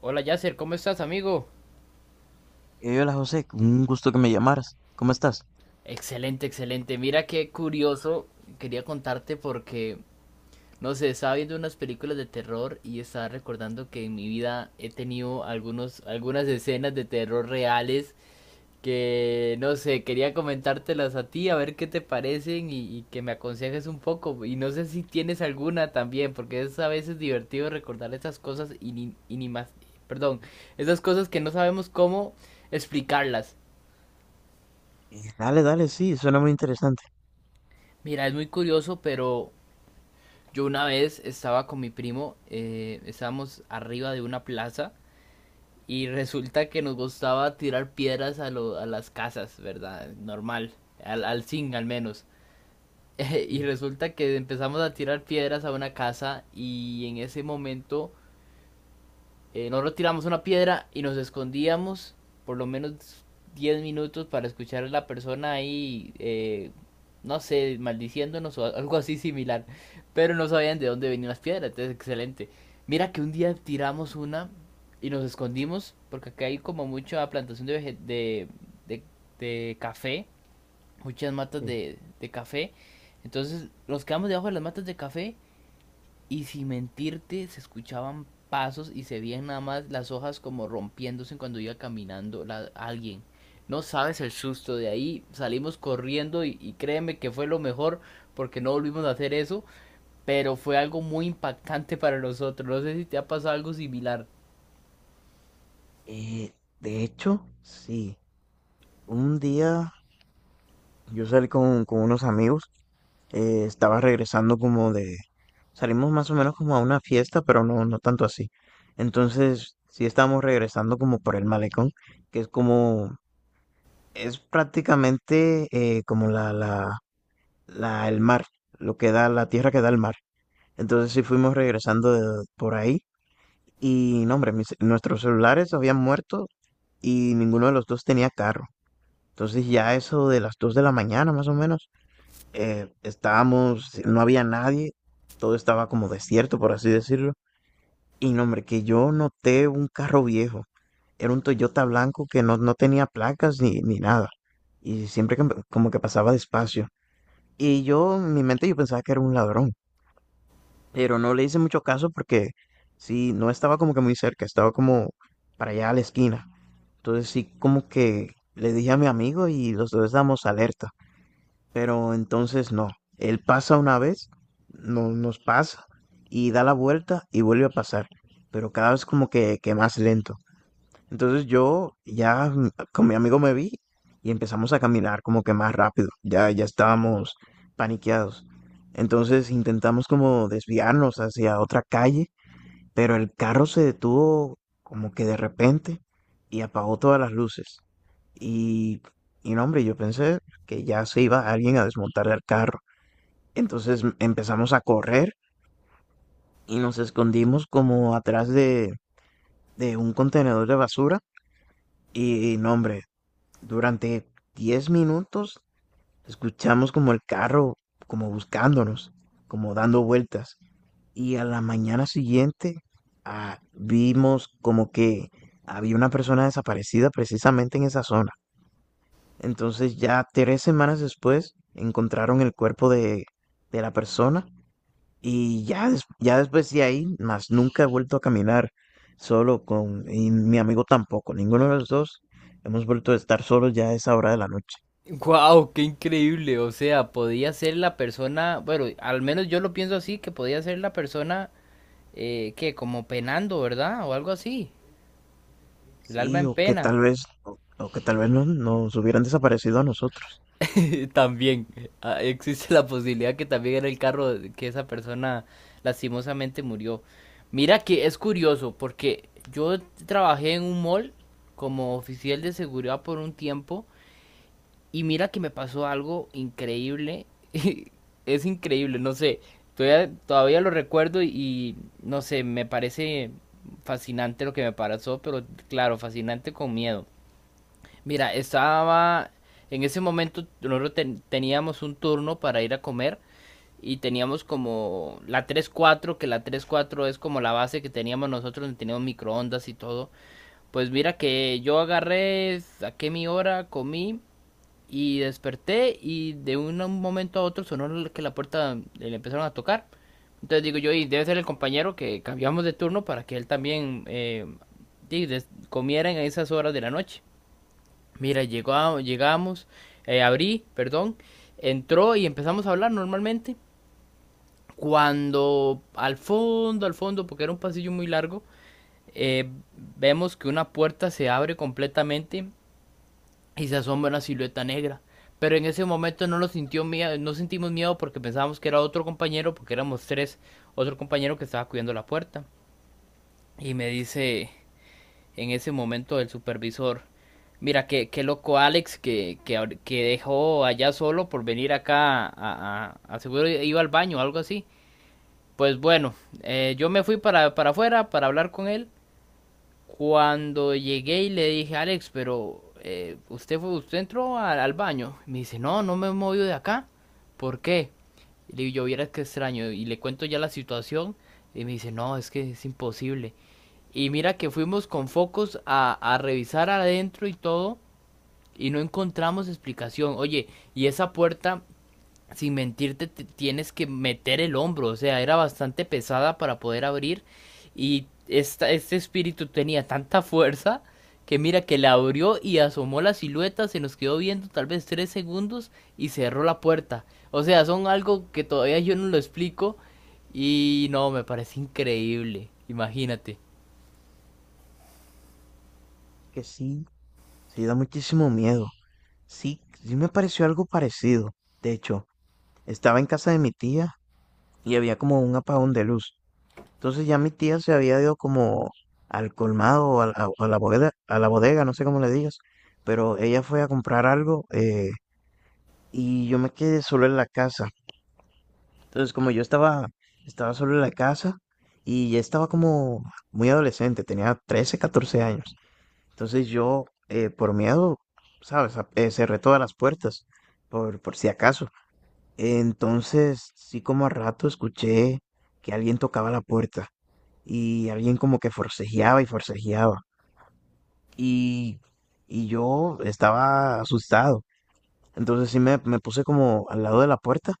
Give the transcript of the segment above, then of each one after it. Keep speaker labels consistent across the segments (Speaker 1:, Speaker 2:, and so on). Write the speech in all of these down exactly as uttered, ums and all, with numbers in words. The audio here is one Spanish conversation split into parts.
Speaker 1: Hola Yasser, ¿cómo estás, amigo?
Speaker 2: Eh, hola José, un gusto que me llamaras. ¿Cómo estás?
Speaker 1: Excelente, excelente. Mira qué curioso. Quería contarte porque, no sé, estaba viendo unas películas de terror y estaba recordando que en mi vida he tenido algunos, algunas escenas de terror reales que, no sé, quería comentártelas a ti, a ver qué te parecen y, y que me aconsejes un poco. Y no sé si tienes alguna también, porque es a veces divertido recordar esas cosas y ni, y ni más perdón, esas cosas que no sabemos cómo explicarlas.
Speaker 2: Eh, dale, dale, sí, suena muy interesante.
Speaker 1: Mira, es muy curioso, pero yo una vez estaba con mi primo, eh, estábamos arriba de una plaza y resulta que nos gustaba tirar piedras a, lo- a las casas, ¿verdad? Normal, al, al zinc al menos. Y
Speaker 2: Sí,
Speaker 1: resulta que empezamos a tirar piedras a una casa y en ese momento Eh, nosotros tiramos una piedra y nos escondíamos por lo menos diez minutos para escuchar a la persona ahí, eh, no sé, maldiciéndonos o algo así similar. Pero no sabían de dónde venían las piedras, entonces excelente. Mira que un día tiramos una y nos escondimos porque acá hay como mucha plantación de, vege- de, de, de café, muchas matas
Speaker 2: sí.
Speaker 1: de, de café. Entonces nos quedamos debajo de las matas de café y sin mentirte se escuchaban pasos y se veían nada más las hojas como rompiéndose cuando iba caminando la- alguien. No sabes el susto de ahí, salimos corriendo y, y créeme que fue lo mejor porque no volvimos a hacer eso, pero fue algo muy impactante para nosotros. No sé si te ha pasado algo similar.
Speaker 2: Eh, de hecho, sí. Un día yo salí con, con unos amigos, eh, estaba regresando como de. Salimos más o menos como a una fiesta, pero no, no tanto así. Entonces, sí estábamos regresando como por el malecón, que es como. Es prácticamente eh, como la, la, la, el mar, lo que da, la tierra que da el mar. Entonces sí fuimos regresando de- por ahí y no, hombre, mis- nuestros celulares habían muerto y ninguno de los dos tenía carro. Entonces ya eso de las dos de la mañana más o menos, eh, estábamos, no había nadie, todo estaba como desierto, por así decirlo. Y no, hombre, que yo noté un carro viejo. Era un Toyota blanco que no, no tenía placas ni, ni nada. Y siempre que- como que pasaba despacio. Y yo, en mi mente, yo pensaba que era un ladrón, pero no le hice mucho caso porque sí, no estaba como que muy cerca, estaba como para allá a la esquina. Entonces sí, como que le dije a mi amigo y los dos damos alerta, pero entonces no, él pasa una vez, no, nos pasa y da la vuelta y vuelve a pasar, pero cada vez como que, que más lento. Entonces yo ya mm, con mi amigo me vi y empezamos a caminar como que más rápido. Ya, ya estábamos paniqueados. Entonces intentamos como desviarnos hacia otra calle, pero el carro se detuvo como que de repente y apagó todas las luces. Y, y no, hombre, yo pensé que ya se iba alguien a desmontar el carro. Entonces m- empezamos a correr y nos escondimos como atrás de, de un contenedor de basura. Y, y no, hombre, durante diez minutos escuchamos como el carro, como buscándonos, como dando vueltas. Y a la mañana siguiente ah, vimos como que había una persona desaparecida precisamente en esa zona. Entonces ya tres semanas después encontraron el cuerpo de, de la persona y ya, des- ya después de ahí, más nunca he vuelto a caminar solo con, y mi amigo tampoco, ninguno de los dos hemos vuelto a estar solos ya a esa hora de la noche.
Speaker 1: Wow, qué increíble. O sea, podía ser la persona, bueno, al menos yo lo pienso así, que podía ser la persona eh, que como penando, ¿verdad? O algo así, el
Speaker 2: Sí,
Speaker 1: alma en
Speaker 2: o que tal
Speaker 1: pena.
Speaker 2: vez, o, o que tal vez no, nos hubieran desaparecido a nosotros.
Speaker 1: También ah, existe la posibilidad que también era el carro que esa persona lastimosamente murió. Mira que es curioso porque yo trabajé en un mall como oficial de seguridad por un tiempo y mira que me pasó algo increíble. Es increíble, no sé, todavía, todavía lo recuerdo y, y, no sé, me parece fascinante lo que me pasó, pero claro, fascinante con miedo. Mira, estaba en ese momento nosotros ten- teníamos un turno para ir a comer y teníamos como la tres cuatro, que la tres cuatro es como la base que teníamos nosotros, donde teníamos microondas y todo. Pues mira que yo agarré, saqué mi hora, comí y desperté y de un un momento a otro sonó el- que la puerta le empezaron a tocar. Entonces digo yo, y debe ser el compañero que cambiamos de turno para que él también eh, di- des- comiera en esas horas de la noche. Mira, llegó a- llegamos, eh, abrí, perdón, entró y empezamos a hablar normalmente. Cuando al fondo, al fondo, porque era un pasillo muy largo, eh, vemos que una puerta se abre completamente y se asoma una silueta negra. Pero en ese momento no lo sintió miedo, no sentimos miedo porque pensábamos que era otro compañero, porque éramos tres, otro compañero que estaba cuidando la puerta. Y me dice, en ese momento el supervisor. Mira, qué, qué loco Alex que, que, que dejó allá solo por venir acá a, a, a- seguro iba al baño o algo así. Pues bueno, eh, yo me fui para, para afuera para hablar con él. Cuando llegué y le dije, Alex, pero eh, usted fue, usted entró al, al baño. Me dice, no, no me he movido de acá. ¿Por qué? Y le digo, yo vieras qué extraño. Y le cuento ya la situación. Y me dice, no, es que es imposible. Y mira que fuimos con focos a, a revisar adentro y todo y no encontramos explicación. Oye, y esa puerta, sin mentirte, te- tienes que meter el hombro, o sea, era bastante pesada para poder abrir y esta, este espíritu tenía tanta fuerza que mira que la abrió y asomó la silueta, se nos quedó viendo tal vez tres segundos y cerró la puerta. O sea, son algo que todavía yo no lo explico y no, me parece increíble, imagínate.
Speaker 2: Que sí, sí da muchísimo miedo. Sí, sí me pareció algo parecido. De hecho, estaba en casa de mi tía y había como un apagón de luz. Entonces ya mi tía se había ido como al colmado o a la, o a la bodega, a la bodega, no sé cómo le digas, pero ella fue a comprar algo, eh, y yo me quedé solo en la casa. Entonces, como yo estaba, estaba solo en la casa y ya estaba como muy adolescente, tenía trece catorce años. Entonces yo, eh, por miedo, ¿sabes? A- eh, cerré todas las puertas, por, por si acaso. Entonces, sí como a rato escuché que alguien tocaba la puerta y alguien como que forcejeaba y forcejeaba. Y, y yo estaba asustado. Entonces sí me, me puse como al lado de la puerta,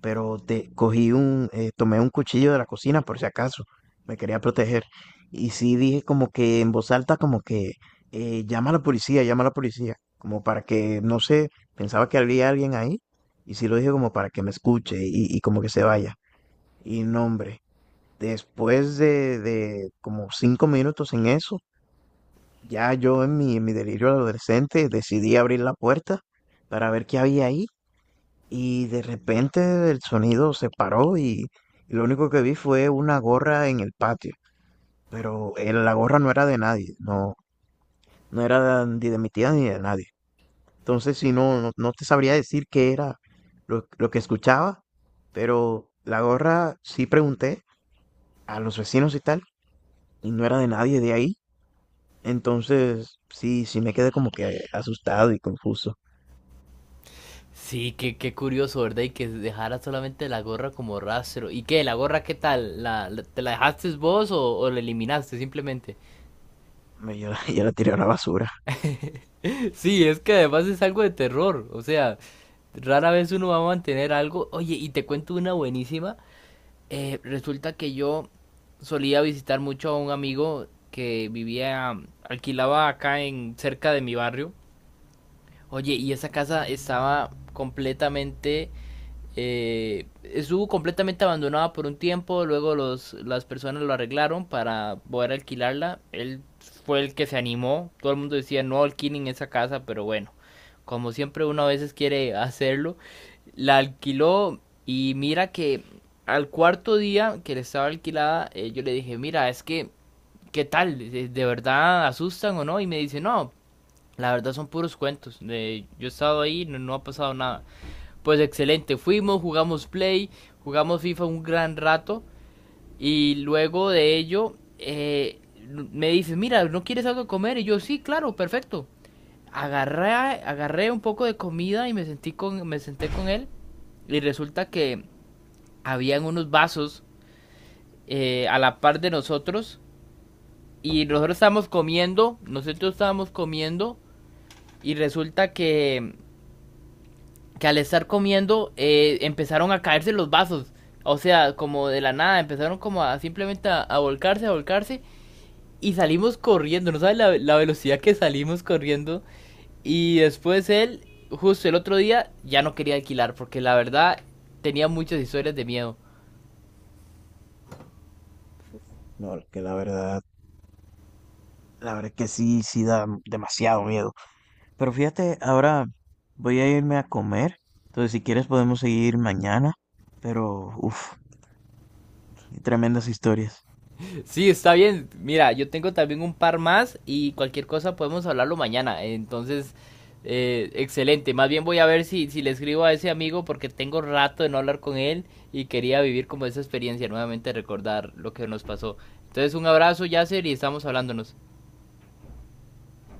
Speaker 2: pero te cogí un, eh, tomé un cuchillo de la cocina por si acaso, me quería proteger. Y sí dije como que en voz alta, como que eh, llama a la policía, llama a la policía, como para que, no sé, pensaba que había alguien ahí, y sí lo dije como para que me escuche y, y como que se vaya. Y no, hombre, después de, de como cinco minutos en eso, ya yo en mi, en mi delirio adolescente decidí abrir la puerta para ver qué había ahí y de repente el sonido se paró y, y lo único que vi fue una gorra en el patio. Pero eh, la gorra no era de nadie, no, no era ni de mi tía ni de nadie. Entonces, si no, no, no te sabría decir qué era lo, lo que escuchaba, pero la gorra sí pregunté a los vecinos y tal, y no era de nadie de ahí. Entonces, sí, sí me quedé como que asustado y confuso.
Speaker 1: Sí, qué, qué curioso, ¿verdad? Y que dejara solamente la gorra como rastro. ¿Y qué? ¿La gorra qué tal? ¿La, la- te la dejaste vos o, o la eliminaste simplemente?
Speaker 2: Me- Yo, la- yo la tiré a la basura.
Speaker 1: Sí, es que además es algo de terror. O sea, rara vez uno va a mantener algo. Oye, y te cuento una buenísima. Eh, resulta que yo solía visitar mucho a un amigo que vivía, alquilaba acá en cerca de mi barrio. Oye, y esa casa estaba completamente Eh, estuvo completamente abandonada por un tiempo, luego los, las personas lo arreglaron para poder alquilarla. Él fue el que se animó, todo el mundo decía no alquilen esa casa, pero bueno, como siempre uno a veces quiere hacerlo, la alquiló y mira que al cuarto día que le estaba alquilada, eh, yo le dije, mira, es que, ¿qué tal? ¿De, de verdad asustan o no? Y me dice, no, la verdad son puros cuentos, de, yo he estado ahí, no, no ha pasado nada. Pues excelente, fuimos, jugamos Play, jugamos FIFA un gran rato y luego de ello eh, me dice, mira, ¿no quieres algo de comer? Y yo, sí, claro, perfecto. Agarré, agarré un poco de comida y me, sentí con, me senté con él y resulta que habían unos vasos eh, a la par de nosotros y nosotros estábamos comiendo, nosotros estábamos comiendo y resulta que que al estar comiendo eh, empezaron a caerse los vasos. O sea, como de la nada, empezaron como a simplemente a, a volcarse, a volcarse. Y salimos corriendo, no sabes la, la velocidad que salimos corriendo. Y después él, justo el otro día, ya no quería alquilar porque la verdad tenía muchas historias de miedo.
Speaker 2: No, que la verdad, la verdad que sí, sí da demasiado miedo. Pero fíjate, ahora voy a irme a comer. Entonces, si quieres podemos seguir mañana. Pero, uff, tremendas historias.
Speaker 1: Sí, está bien. Mira, yo tengo también un par más y cualquier cosa podemos hablarlo mañana. Entonces, eh, excelente. Más bien voy a ver si, si le escribo a ese amigo porque tengo rato de no hablar con él y quería vivir como esa experiencia, nuevamente recordar lo que nos pasó. Entonces, un abrazo, Yasser, y estamos hablándonos.